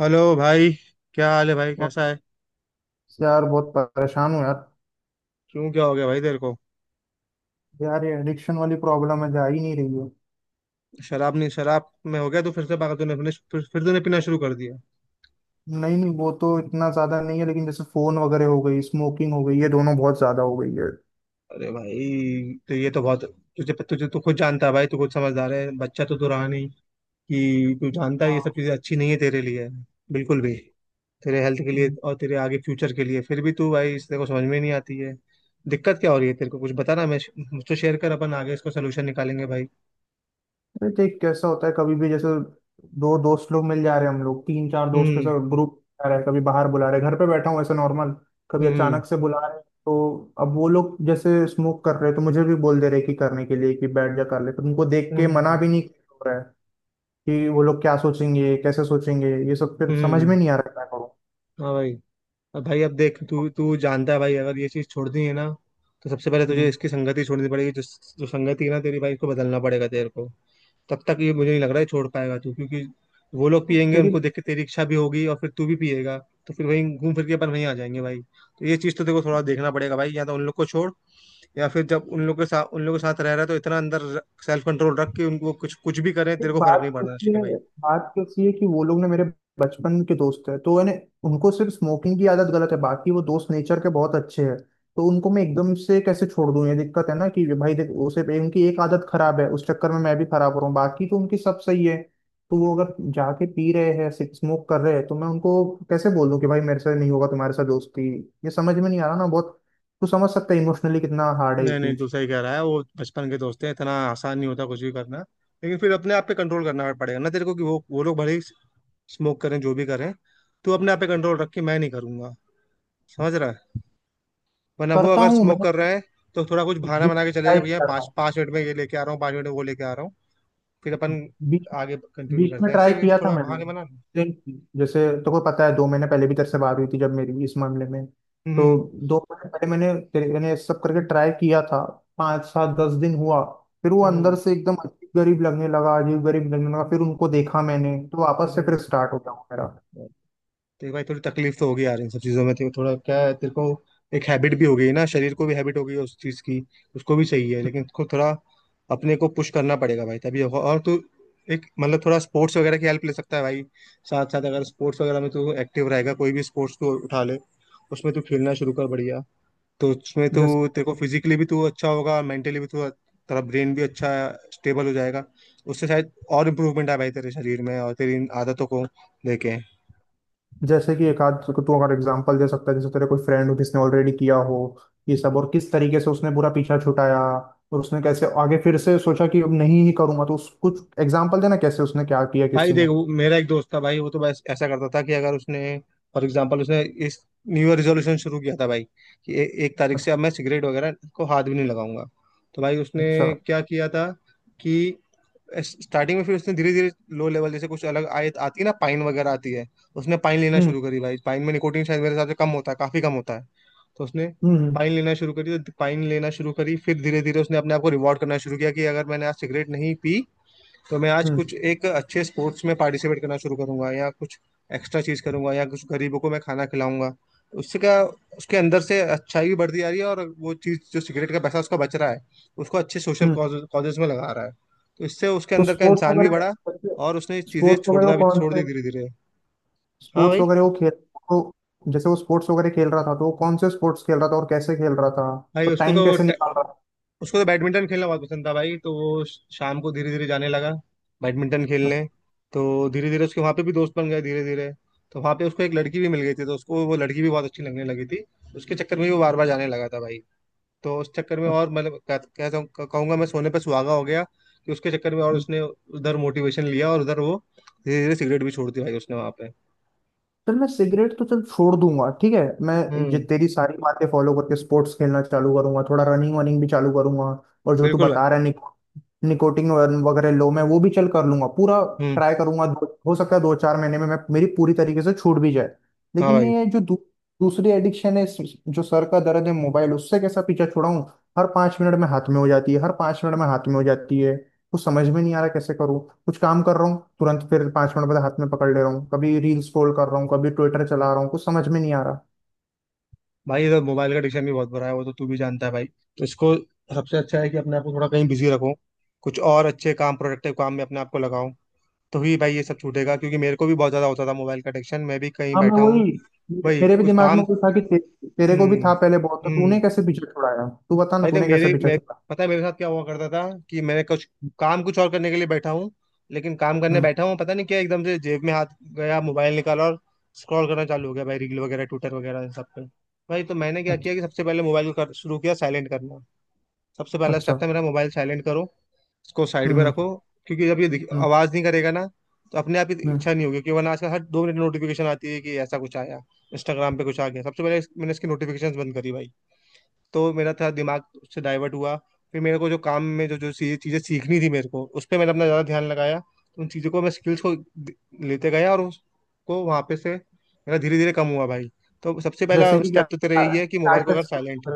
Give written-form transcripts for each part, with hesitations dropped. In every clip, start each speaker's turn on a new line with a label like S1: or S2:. S1: Hello भाई। क्या हाल है भाई,
S2: अब
S1: कैसा है?
S2: यार बहुत परेशान हूँ यार।
S1: क्यों, क्या हो गया भाई तेरे को?
S2: यार ये एडिक्शन वाली प्रॉब्लम है, जा ही नहीं रही है।
S1: शराब नहीं? शराब में हो गया तो फिर से पागल? तूने फिर तूने पीना शुरू कर दिया?
S2: नहीं नहीं, वो तो इतना ज्यादा नहीं है, लेकिन जैसे फोन वगैरह हो गई, स्मोकिंग हो गई, ये दोनों बहुत ज्यादा हो गई है।
S1: अरे भाई, तो ये तो बहुत, तुझे तुझे तू खुद जानता है भाई, तू खुद समझदार है, बच्चा तो तू रहा नहीं, कि तू जानता है ये सब
S2: हाँ।
S1: चीजें अच्छी नहीं है तेरे लिए, बिल्कुल भी। तेरे हेल्थ के लिए
S2: हम्म।
S1: और तेरे आगे फ्यूचर के लिए, फिर भी तू भाई इस, तेरे को समझ में नहीं आती है। दिक्कत क्या हो रही है तेरे को, कुछ बता ना। मैं, मुझसे शेयर कर, अपन आगे इसको सोल्यूशन निकालेंगे भाई।
S2: अरे देख, कैसा होता है कभी भी, जैसे दो दोस्त लोग मिल जा रहे हैं, हम लोग तीन चार दोस्त के
S1: हम्म।
S2: साथ ग्रुप जा रहा है, कभी बाहर बुला रहे हैं, घर पे बैठा हूँ ऐसे नॉर्मल, कभी
S1: हम्म।
S2: अचानक से बुला रहे हैं, तो अब वो लोग जैसे स्मोक कर रहे हैं तो मुझे भी बोल दे रहे हैं कि करने के लिए, कि बैठ जा, कर ले, पर उनको देख के
S1: हम्म।
S2: मना
S1: हम्म।
S2: भी नहीं हो रहा है कि वो लोग क्या सोचेंगे, कैसे सोचेंगे, ये सब। फिर समझ में
S1: हम्म,
S2: नहीं आ रहा है क्या करूं।
S1: हाँ भाई। अब भाई अब देख, तू तू जानता है भाई, अगर ये चीज छोड़नी है ना, तो सबसे पहले तुझे
S2: हम्म।
S1: इसकी संगति छोड़नी पड़ेगी। जो जो संगति है ना तेरी भाई, इसको बदलना पड़ेगा तेरे को। तब तक ये मुझे नहीं लग रहा है छोड़ पाएगा तू, क्योंकि वो लोग पियेंगे,
S2: तेरी
S1: उनको देख के तेरी इच्छा भी होगी, और फिर तू भी पिएगा। तो फिर वहीं घूम फिर के अपन वहीं आ जाएंगे भाई। तो ये चीज तो देखो, थोड़ा देखना पड़ेगा भाई। या तो उन लोग को छोड़, या फिर जब उन लोग के साथ रह रहा है तो इतना अंदर सेल्फ कंट्रोल रख के, उनको कुछ कुछ भी करें
S2: फिर
S1: तेरे को फर्क नहीं
S2: बात
S1: पड़ना
S2: कैसी
S1: चाहिए
S2: है,
S1: भाई।
S2: बात कैसी है कि वो लोग ना मेरे बचपन के दोस्त है, तो मैंने उनको, सिर्फ स्मोकिंग की आदत गलत है, बाकी वो दोस्त नेचर के बहुत अच्छे हैं, तो उनको मैं एकदम से कैसे छोड़ दूं? ये दिक्कत है ना कि भाई देख, उसे उनकी एक आदत खराब है, उस चक्कर में मैं भी खराब हो रहा हूँ, बाकी तो उनकी सब सही है। तो वो अगर जाके पी रहे हैं, स्मोक कर रहे हैं, तो मैं उनको कैसे बोल दूं कि भाई मेरे से नहीं होगा तुम्हारे साथ दोस्ती? ये समझ में नहीं आ रहा ना बहुत। तू समझ सकता है इमोशनली कितना हार्ड है ये
S1: नहीं नहीं, तू
S2: चीज।
S1: सही कह रहा है, वो बचपन के दोस्त हैं, इतना आसान नहीं होता कुछ भी करना। लेकिन फिर अपने आप पे कंट्रोल करना पड़ेगा ना तेरे को, कि वो लोग भले ही स्मोक करें, जो भी करें, तू अपने आप पे कंट्रोल रख के मैं नहीं करूंगा, समझ रहा है? वरना वो
S2: करता
S1: अगर
S2: हूँ
S1: स्मोक
S2: मैं,
S1: कर रहे हैं तो थोड़ा कुछ बहाना
S2: बीच
S1: बना के चले गए,
S2: टाइप
S1: भैया पाँच
S2: करता
S1: पाँच मिनट में ये लेके आ रहा हूँ, 5 मिनट में वो लेके आ रहा हूँ, फिर
S2: हूँ,
S1: अपन आगे कंटिन्यू
S2: बीच में
S1: करते हैं,
S2: ट्राई
S1: ऐसे भी
S2: किया था
S1: थोड़ा
S2: मैंने,
S1: बहाने बना।
S2: लेकिन जैसे तो को पता है, दो महीने पहले भी तेरे से बात हुई थी जब मेरी इस मामले में, तो
S1: हम्म।
S2: दो महीने पहले मैंने ये सब करके ट्राई किया था, पाँच सात दस दिन हुआ, फिर वो
S1: हम्म।
S2: अंदर
S1: हम्म।
S2: से एकदम अजीब गरीब लगने लगा, अजीब गरीब लगने लगा, फिर उनको देखा मैंने तो वापस से
S1: हम्म,
S2: फिर स्टार्ट हो गया वो मेरा।
S1: हम्म। देख भाई, थोड़ी तकलीफ तो होगी यार इन सब चीजों में, तेरे को थोड़ा क्या है, तेरे को एक हैबिट भी हो गई ना, शरीर को भी हैबिट हो गई है उस चीज की, उसको भी चाहिए, लेकिन उसको थोड़ा अपने को पुश करना पड़ेगा भाई, तभी होगा। और तू एक मतलब थोड़ा स्पोर्ट्स वगैरह की हेल्प ले सकता है भाई। साथ साथ अगर स्पोर्ट्स वगैरह में तू एक्टिव रहेगा, कोई भी स्पोर्ट्स तू उठा ले, उसमें तू खेलना शुरू कर, बढ़िया। तो उसमें तू
S2: जैसे
S1: तेरे को फिजिकली भी तू अच्छा होगा, मेंटली भी तू, तेरा ब्रेन भी अच्छा स्टेबल हो जाएगा। उससे शायद और इम्प्रूवमेंट आए भाई तेरे शरीर में, और तेरी इन आदतों को लेके।
S2: जैसे कि एक आध तू अगर एग्जांपल दे सकता है, जैसे तेरे कोई फ्रेंड हो जिसने ऑलरेडी किया हो ये सब, और किस तरीके से उसने पूरा पीछा छुटाया और उसने कैसे आगे फिर से सोचा कि अब नहीं ही करूंगा, तो उस, कुछ एग्जांपल देना कैसे उसने क्या किया
S1: भाई
S2: किसी ने।
S1: देख, वो मेरा एक दोस्त था भाई, वो तो बस ऐसा करता था कि अगर उसने, फॉर एग्जांपल उसने इस न्यू ईयर रेजोल्यूशन शुरू किया था भाई, कि 1 तारीख से अब मैं सिगरेट वगैरह को हाथ भी नहीं लगाऊंगा। तो भाई उसने
S2: अच्छा।
S1: क्या किया था कि स्टार्टिंग में फिर उसने धीरे धीरे लो लेवल, जैसे कुछ अलग आयत आती है ना, पाइन वगैरह आती है, उसने पाइन लेना
S2: हम्म।
S1: शुरू करी भाई। पाइन में निकोटिन शायद मेरे हिसाब से कम होता है, काफी कम होता है। तो उसने
S2: हम्म। हम्म।
S1: पाइन लेना शुरू करी, तो पाइन लेना शुरू करी, फिर धीरे धीरे उसने अपने आप को रिवॉर्ड करना शुरू किया, कि अगर मैंने आज सिगरेट नहीं पी तो मैं आज
S2: हम्म।
S1: कुछ एक अच्छे स्पोर्ट्स में पार्टिसिपेट करना शुरू करूंगा, या कुछ एक्स्ट्रा चीज करूंगा, या कुछ गरीबों को मैं खाना खिलाऊंगा। उससे क्या, उसके अंदर से अच्छाई भी बढ़ती जा रही है, और वो चीज जो सिगरेट का पैसा उसका बच रहा है, उसको अच्छे सोशल
S2: हम्म।
S1: कॉजेज में लगा रहा है। तो इससे उसके
S2: तो
S1: अंदर का
S2: स्पोर्ट्स
S1: इंसान भी
S2: वगैरह,
S1: बढ़ा, और उसने चीजें
S2: स्पोर्ट्स वगैरह वो
S1: छोड़ना भी
S2: कौन
S1: छोड़ दी
S2: से
S1: धीरे धीरे। हाँ
S2: स्पोर्ट्स
S1: भाई।
S2: वगैरह वो खेल तो, जैसे वो स्पोर्ट्स वगैरह खेल रहा था, तो वो कौन से स्पोर्ट्स खेल रहा था और कैसे खेल रहा था,
S1: भाई
S2: तो
S1: उसको तो,
S2: टाइम कैसे निकाल रहा
S1: उसको तो बैडमिंटन खेलना बहुत पसंद था भाई, तो वो शाम को धीरे धीरे जाने लगा बैडमिंटन खेलने। तो धीरे धीरे उसके वहाँ पे भी दोस्त बन गए धीरे धीरे। तो वहाँ पे उसको एक लड़की भी मिल गई थी, तो उसको वो लड़की भी बहुत अच्छी लगने लगी थी, उसके चक्कर में भी वो बार बार जाने लगा था भाई। तो उस चक्कर में, और मतलब कह- कहता हूँ कहूंगा मैं, सोने पे सुहागा हो गया कि उसके चक्कर में, और
S2: था।
S1: उसने उधर मोटिवेशन लिया, और उधर वो धीरे धीरे सिगरेट भी छोड़ दी भाई उसने वहाँ पे।
S2: चल मैं सिगरेट तो चल छोड़ दूंगा, ठीक है। मैं ये
S1: हम्म।
S2: तेरी सारी बातें फॉलो करके स्पोर्ट्स खेलना चालू करूंगा, थोड़ा रनिंग वनिंग भी चालू करूंगा, और जो तू
S1: बिल्कुल भाई।
S2: बता रहा है निकोटिन वगैरह लो, मैं वो भी चल कर लूंगा, पूरा
S1: हम्म।
S2: ट्राई करूंगा। हो सकता है दो चार महीने में मैं, मेरी पूरी तरीके से छूट भी जाए।
S1: हाँ
S2: लेकिन
S1: भाई।
S2: ये जो दूसरी एडिक्शन है, जो सर का दर्द है मोबाइल, उससे कैसा पीछा छुड़ाऊं? हर पाँच मिनट में हाथ में हो जाती है, हर पाँच मिनट में हाथ में हो जाती है, कुछ समझ में नहीं आ रहा कैसे करूँ। कुछ काम कर रहा हूँ, तुरंत फिर पांच मिनट बाद हाथ में पकड़ ले रहा हूँ, कभी रील स्क्रॉल कर रहा हूँ, कभी ट्विटर चला रहा हूँ, कुछ समझ में नहीं आ रहा।
S1: भाई इधर मोबाइल का एडिक्शन भी बहुत बुरा है, वो तो तू भी जानता है भाई। तो इसको सबसे अच्छा है कि अपने आप को थोड़ा कहीं बिजी रखो, कुछ और अच्छे काम, प्रोडक्टिव काम में अपने आप को लगाओ, तो ही भाई ये सब छूटेगा। क्योंकि मेरे को भी बहुत ज्यादा होता था मोबाइल का एडिक्शन, मैं भी कहीं
S2: हाँ मैं
S1: बैठा हूँ
S2: वही,
S1: भाई
S2: मेरे भी
S1: कुछ
S2: दिमाग में
S1: काम।
S2: वो था कि तेरे को भी
S1: हम्म।
S2: था पहले बहुत, तो
S1: हम्म।
S2: तूने कैसे पीछे छुड़ाया, तू बता ना,
S1: भाई देख
S2: तूने कैसे
S1: मेरे,
S2: पीछे
S1: मैं,
S2: छुड़ा।
S1: पता है मेरे साथ क्या हुआ करता था, कि मैंने कुछ काम कुछ और करने के लिए बैठा हूँ, लेकिन काम करने
S2: हम्म।
S1: बैठा हूँ, पता नहीं क्या एकदम से जेब में हाथ गया, मोबाइल निकाला और स्क्रॉल करना चालू हो गया भाई, रील वगैरह, ट्विटर वगैरह, इन सब पे। भाई तो मैंने क्या
S2: अच्छा।
S1: किया कि सबसे पहले मोबाइल को शुरू किया साइलेंट करना। सबसे पहला
S2: अच्छा।
S1: स्टेप था मेरा, मोबाइल साइलेंट करो, इसको साइड में
S2: हम्म।
S1: रखो। क्योंकि जब ये
S2: हम्म।
S1: आवाज नहीं करेगा ना, तो अपने आप ही
S2: हम्म।
S1: इच्छा नहीं होगी। क्योंकि वरना आजकल हर 2 मिनट नोटिफिकेशन आती है कि ऐसा कुछ आया, इंस्टाग्राम पे कुछ आ गया। सबसे पहले मैंने इसकी नोटिफिकेशन बंद करी भाई, तो मेरा था दिमाग से डाइवर्ट हुआ। फिर मेरे को जो काम में जो जो चीजें सीखनी थी मेरे को, उस पर मैंने अपना ज्यादा ध्यान लगाया, तो उन चीजों को मैं स्किल्स को लेते गया, और उसको वहां पे से मेरा धीरे धीरे कम हुआ भाई। तो सबसे
S2: जैसे
S1: पहला
S2: कि
S1: स्टेप
S2: क्या,
S1: तो तेरा यही है कि मोबाइल को अगर साइलेंट।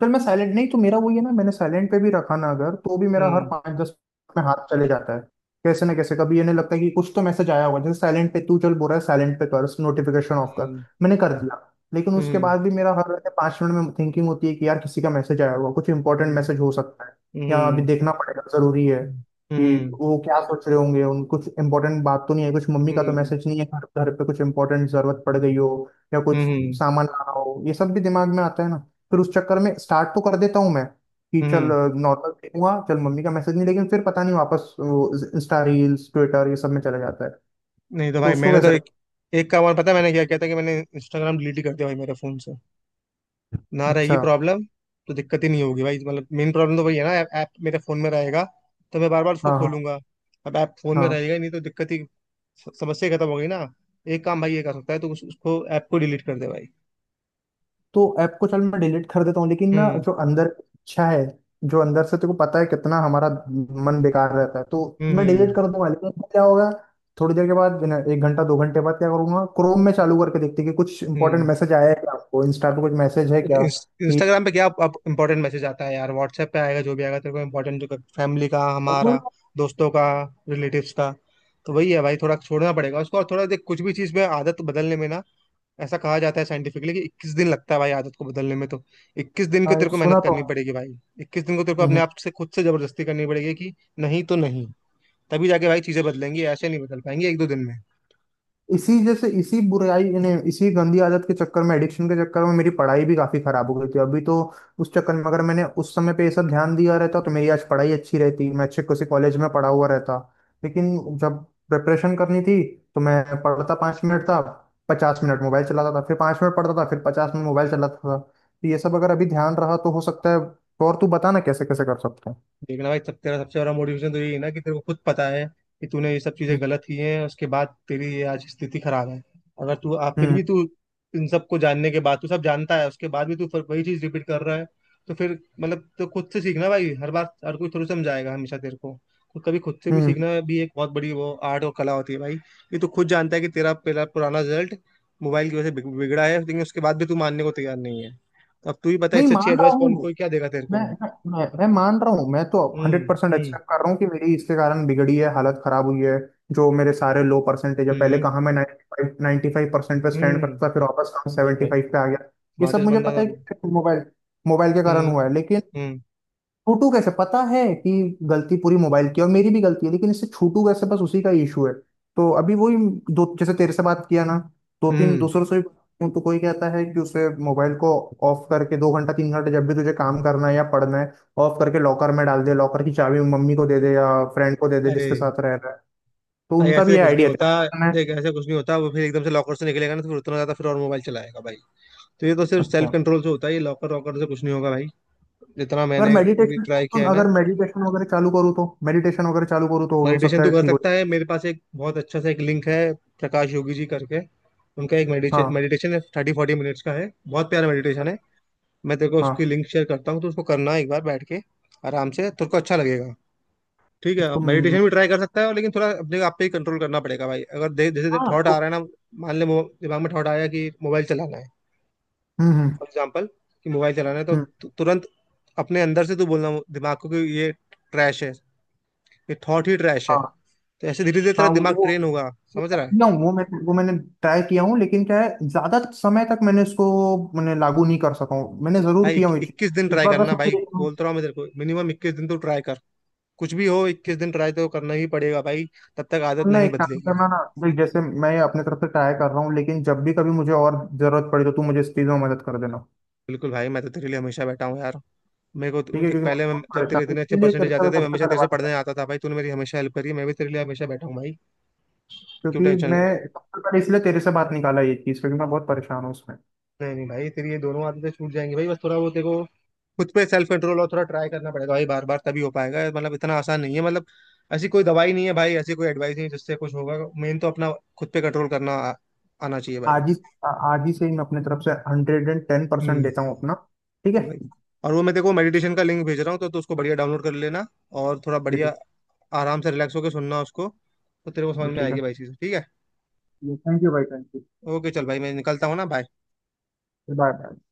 S2: फिर मैं साइलेंट नहीं तो मेरा वही है ना, मैंने साइलेंट पे भी रखा ना अगर, तो भी मेरा हर
S1: हम्म।
S2: पाँच दस मिनट में हाथ चले जाता है, कैसे ना कैसे। कभी ये नहीं लगता है कि कुछ तो मैसेज आया होगा, जैसे साइलेंट पे तू चल बोल रहा है, साइलेंट पे कर नोटिफिकेशन ऑफ कर,
S1: हम्म।
S2: मैंने कर दिया, लेकिन उसके
S1: हम्म।
S2: बाद भी मेरा हर पाँच मिनट में थिंकिंग होती है कि यार, किसी का मैसेज आया होगा, कुछ इंपॉर्टेंट
S1: हम्म।
S2: मैसेज हो सकता है या अभी
S1: हम्म।
S2: देखना पड़ेगा, जरूरी है, कि
S1: हम्म।
S2: वो क्या सोच रहे होंगे, उन, कुछ इंपॉर्टेंट बात तो नहीं है, कुछ मम्मी का तो
S1: हम्म।
S2: मैसेज नहीं है, घर घर पे कुछ इंपॉर्टेंट जरूरत पड़ गई हो या
S1: हम्म।
S2: कुछ
S1: हम्म।
S2: सामान लाना हो, ये सब भी दिमाग में आता है ना। फिर उस चक्कर में स्टार्ट तो कर देता हूँ मैं, कि चल
S1: हम्म।
S2: नॉर्मल देखूंगा, चल मम्मी का मैसेज नहीं, लेकिन फिर पता नहीं वापस इंस्टा रील्स ट्विटर ये सब में चला जाता है।
S1: नहीं तो
S2: तो
S1: भाई,
S2: उसको
S1: मैंने तो
S2: कैसे?
S1: एक, एक काम और पता है मैंने क्या किया था, कि मैंने इंस्टाग्राम डिलीट ही कर दिया भाई मेरे फोन से, ना रहेगी
S2: अच्छा।
S1: प्रॉब्लम। तो दिक्कत ही नहीं होगी भाई। मतलब मेन प्रॉब्लम तो वही है ना, ऐप, ऐप मेरे फोन में रहेगा तो मैं बार बार उसको
S2: हाँ हाँ।
S1: खोलूंगा। अब ऐप फोन में
S2: हाँ।
S1: रहेगा ही नहीं तो दिक्कत ही, समस्या ही खत्म हो गई ना। एक काम भाई ये कर सकता है तो उसको ऐप को डिलीट कर दे भाई।
S2: तो ऐप को चल मैं डिलीट कर देता हूँ, लेकिन ना,
S1: हम्म।
S2: जो अंदर इच्छा है, जो अंदर से तेको पता है कितना हमारा मन बेकार रहता है, तो
S1: हम्म।
S2: मैं डिलीट
S1: हम्म।
S2: कर दूंगा, लेकिन फिर क्या होगा? थोड़ी देर के बाद ना, एक घंटा दो घंटे बाद क्या करूंगा? क्रोम में चालू करके देखते कि कुछ इंपॉर्टेंट
S1: हम्म।
S2: मैसेज आया है क्या, आपको इंस्टा पे कुछ मैसेज है क्या कि
S1: इंस्टाग्राम पे क्या अब इंपॉर्टेंट मैसेज आता है यार, व्हाट्सएप पे आएगा जो भी आएगा तेरे को इंपॉर्टेंट, जो फैमिली का
S2: और
S1: हमारा,
S2: वही।
S1: दोस्तों का, रिलेटिव्स का। तो वही है भाई, थोड़ा छोड़ना पड़ेगा उसको। और थोड़ा देख, कुछ भी चीज़ में आदत बदलने में ना, ऐसा कहा जाता है साइंटिफिकली कि 21 दिन लगता है भाई आदत को बदलने में। तो 21 दिन को
S2: हाँ। ये
S1: तेरे
S2: तो
S1: को
S2: सुना
S1: मेहनत
S2: तो
S1: करनी
S2: है।
S1: पड़ेगी भाई। 21 दिन को तेरे को
S2: हम्म,
S1: अपने
S2: हम्म।
S1: आप से, खुद से जबरदस्ती करनी पड़ेगी, कि नहीं तो नहीं। तभी जाके भाई चीज़ें बदलेंगी, ऐसे नहीं बदल पाएंगी 1 2 दिन में।
S2: इसी जैसे इसी बुराई इन्हें इसी गंदी आदत के चक्कर में, एडिक्शन के चक्कर में, मेरी पढ़ाई भी काफी खराब हो गई थी अभी तो। उस चक्कर में अगर मैंने उस समय पे ये सब ध्यान दिया रहता, तो मेरी आज पढ़ाई अच्छी रहती, मैं अच्छे किसी कॉलेज में पढ़ा हुआ रहता, लेकिन जब प्रिपरेशन करनी थी, तो मैं पढ़ता पाँच मिनट था, पचास मिनट मोबाइल चलाता था, फिर पाँच मिनट पढ़ता था, फिर पचास मिनट मोबाइल चलाता था, तो ये सब अगर अभी ध्यान रहा तो हो सकता है। और तू बता ना कैसे कैसे कर सकते
S1: देखना भाई, सब तेरा सबसे बड़ा मोटिवेशन तो यही है ना, कि तेरे को खुद पता है कि तूने ये सब चीजें
S2: हैं।
S1: गलत की हैं, उसके बाद तेरी ये आज स्थिति खराब है। अगर तू, आप फिर
S2: हम्म
S1: भी तू इन सबको जानने के बाद, तू सब जानता है, उसके बाद भी तू फिर वही चीज रिपीट कर रहा है, तो फिर मतलब तो खुद से सीखना भाई, हर बार हर कोई थोड़ी समझाएगा हमेशा तेरे को। तो कभी खुद से भी
S2: हम्म।
S1: सीखना भी एक बहुत बड़ी वो आर्ट और कला होती है भाई। ये तू खुद जानता है कि तेरा पहला पुराना रिजल्ट मोबाइल की वजह से बिगड़ा है, लेकिन उसके बाद भी तू मानने को तैयार नहीं है। तो अब तू ही बता,
S2: नहीं
S1: इससे अच्छी
S2: मान रहा
S1: एडवाइस कौन
S2: हूँ,
S1: कोई क्या देगा तेरे
S2: मैं
S1: को?
S2: मैं मैं मान रहा हूँ, मैं तो
S1: हम्म।
S2: हंड्रेड परसेंट
S1: हम्म।
S2: एक्सेप्ट कर रहा हूँ कि मेरी इसके कारण बिगड़ी है, हालत खराब हुई है, जो मेरे सारे लो परसेंटेज है, पहले
S1: हम्म।
S2: कहाँ मैं 95 95% पे स्टैंड
S1: हम्म।
S2: करता था, फिर वापस कहाँ
S1: भाई भाई
S2: 75 पे आ गया। ये सब
S1: स्मार्टेस्ट
S2: मुझे
S1: बंदा
S2: पता
S1: था
S2: है
S1: तू।
S2: कि मोबाइल मोबाइल के कारण
S1: हम्म।
S2: हुआ है, लेकिन
S1: हम्म।
S2: छूटू कैसे? पता है कि गलती पूरी मोबाइल की है, और मेरी भी गलती है, लेकिन इससे छूटू कैसे, बस उसी का इशू है। तो अभी वही, दो जैसे तेरे से बात किया ना, दो तीन
S1: हम्म।
S2: दूसरों से भी बात की हूं, तो कोई कहता है कि उसे मोबाइल को ऑफ करके दो घंटा तीन घंटा जब भी तुझे काम करना है या पढ़ना है, ऑफ करके लॉकर में डाल दे, लॉकर की चाबी मम्मी को दे दे या फ्रेंड को दे दे
S1: अरे
S2: जिसके साथ रह रहा है, तो
S1: भाई
S2: उनका भी
S1: ऐसे
S2: ये
S1: कुछ नहीं
S2: आइडिया
S1: होता।
S2: था करना है।
S1: देख, ऐसे कुछ नहीं होता, वो फिर एकदम से लॉकर से निकलेगा ना तो फिर उतना ज्यादा फिर और मोबाइल चलाएगा भाई। तो ये तो सिर्फ सेल्फ
S2: अच्छा।
S1: कंट्रोल से होता है, ये लॉकर वॉकर से कुछ नहीं होगा भाई, जितना
S2: अगर
S1: मैंने भी
S2: मेडिटेशन
S1: ट्राई किया
S2: सुन
S1: है ना।
S2: अगर मेडिटेशन वगैरह चालू करूँ तो, हो
S1: मेडिटेशन
S2: सकता
S1: तो
S2: है
S1: कर
S2: ठीक हो
S1: सकता
S2: जाए।
S1: है, मेरे पास एक बहुत अच्छा सा एक लिंक है, प्रकाश योगी जी करके, उनका एक
S2: हाँ।
S1: मेडिटेशन है 30 40 मिनट्स का है, बहुत प्यारा मेडिटेशन है। मैं तेरे को
S2: हाँ।
S1: उसकी लिंक शेयर करता हूँ, तो उसको करना एक बार बैठ के, आराम से, तेरे को अच्छा लगेगा। ठीक है,
S2: तुम।
S1: मेडिटेशन भी ट्राई कर सकता है, लेकिन थोड़ा अपने आप पे ही कंट्रोल करना पड़ेगा भाई। अगर जैसे
S2: हाँ
S1: थॉट आ रहा
S2: तो,
S1: है ना, मान ले दिमाग में थॉट आया कि मोबाइल चलाना है,
S2: हम्म,
S1: फॉर एग्जाम्पल, कि मोबाइल चलाना है, तो
S2: हम्म,
S1: तुरंत अपने अंदर से तू बोलना दिमाग को, कि ये ट्रैश है, ये थॉट ही ट्रैश है।
S2: हाँ।
S1: तो ऐसे धीरे धीरे तेरा
S2: हाँ
S1: दिमाग
S2: वो
S1: ट्रेन होगा,
S2: वो
S1: समझ
S2: वो
S1: रहा है?
S2: किया हूँ, वो मैंने ट्राई किया हूँ, लेकिन क्या है, ज्यादा समय तक मैंने इसको, मैंने लागू नहीं कर सका हूँ, मैंने जरूर
S1: भाई
S2: किया हूँ ये चीज।
S1: इक्कीस दिन
S2: इस
S1: ट्राई
S2: बार बस
S1: करना भाई,
S2: मुझे तुम,
S1: बोल तो रहा हूँ मैं तेरे को, मिनिमम 21 दिन तो ट्राई कर। कुछ भी हो, 21 दिन ट्राई तो करना ही पड़ेगा भाई, तब तक आदत
S2: ना
S1: नहीं
S2: एक काम
S1: बदलेगी।
S2: करना ना, देख जैसे मैं अपने तरफ से ट्राई कर रहा हूँ, लेकिन जब भी कभी मुझे और जरूरत पड़े तो तू मुझे इस चीज में मदद कर देना।
S1: बिल्कुल भाई, मैं तो तेरे लिए हमेशा बैठा हूँ यार। मेरे को
S2: ठीक
S1: तो-
S2: है,
S1: देख
S2: क्योंकि मैं
S1: पहले मैं
S2: बहुत
S1: जब
S2: परेशान
S1: तेरे
S2: हूँ।
S1: इतने अच्छे
S2: इसीलिए
S1: परसेंटेज
S2: करता
S1: आते
S2: हुआ
S1: थे, मैं
S2: सबसे
S1: हमेशा
S2: पहले
S1: तेरे से
S2: बात करा,
S1: पढ़ने आता था भाई, तूने मेरी हमेशा हेल्प करी है, मैं भी तेरे लिए हमेशा बैठा हूँ भाई। क्यों
S2: क्योंकि
S1: टेंशन ले
S2: मैं
S1: रहा है?
S2: सबसे पहले इसलिए तेरे से बात निकाला ये चीज, क्योंकि मैं बहुत परेशान हूँ उसमें।
S1: नहीं नहीं भाई, तेरी ये दोनों आदतें छूट जाएंगी भाई, बस थोड़ा वो तेरे को खुद पे सेल्फ कंट्रोल, और थोड़ा ट्राई करना पड़ेगा भाई बार बार, तभी हो पाएगा। मतलब इतना आसान नहीं है, मतलब ऐसी कोई दवाई नहीं है भाई, ऐसी कोई एडवाइस नहीं है जिससे कुछ होगा, मेन तो अपना खुद पे कंट्रोल करना आना चाहिए भाई।
S2: आज ही आज ही से ही मैं अपने तरफ से हंड्रेड एंड टेन परसेंट
S1: हम्म।
S2: देता हूँ अपना। ठीक है।
S1: भाई, और वो मैं देखो मेडिटेशन का लिंक भेज रहा हूँ तो उसको बढ़िया डाउनलोड कर लेना, और थोड़ा
S2: ये
S1: बढ़िया
S2: ठीक
S1: आराम से रिलैक्स होकर सुनना उसको, तो तेरे को
S2: ये
S1: समझ में
S2: ठीक
S1: आएगी
S2: है।
S1: भाई चीज़। ठीक है?
S2: थैंक यू भाई, थैंक यू।
S1: ओके चल भाई, मैं निकलता हूँ ना भाई।
S2: Bye bye.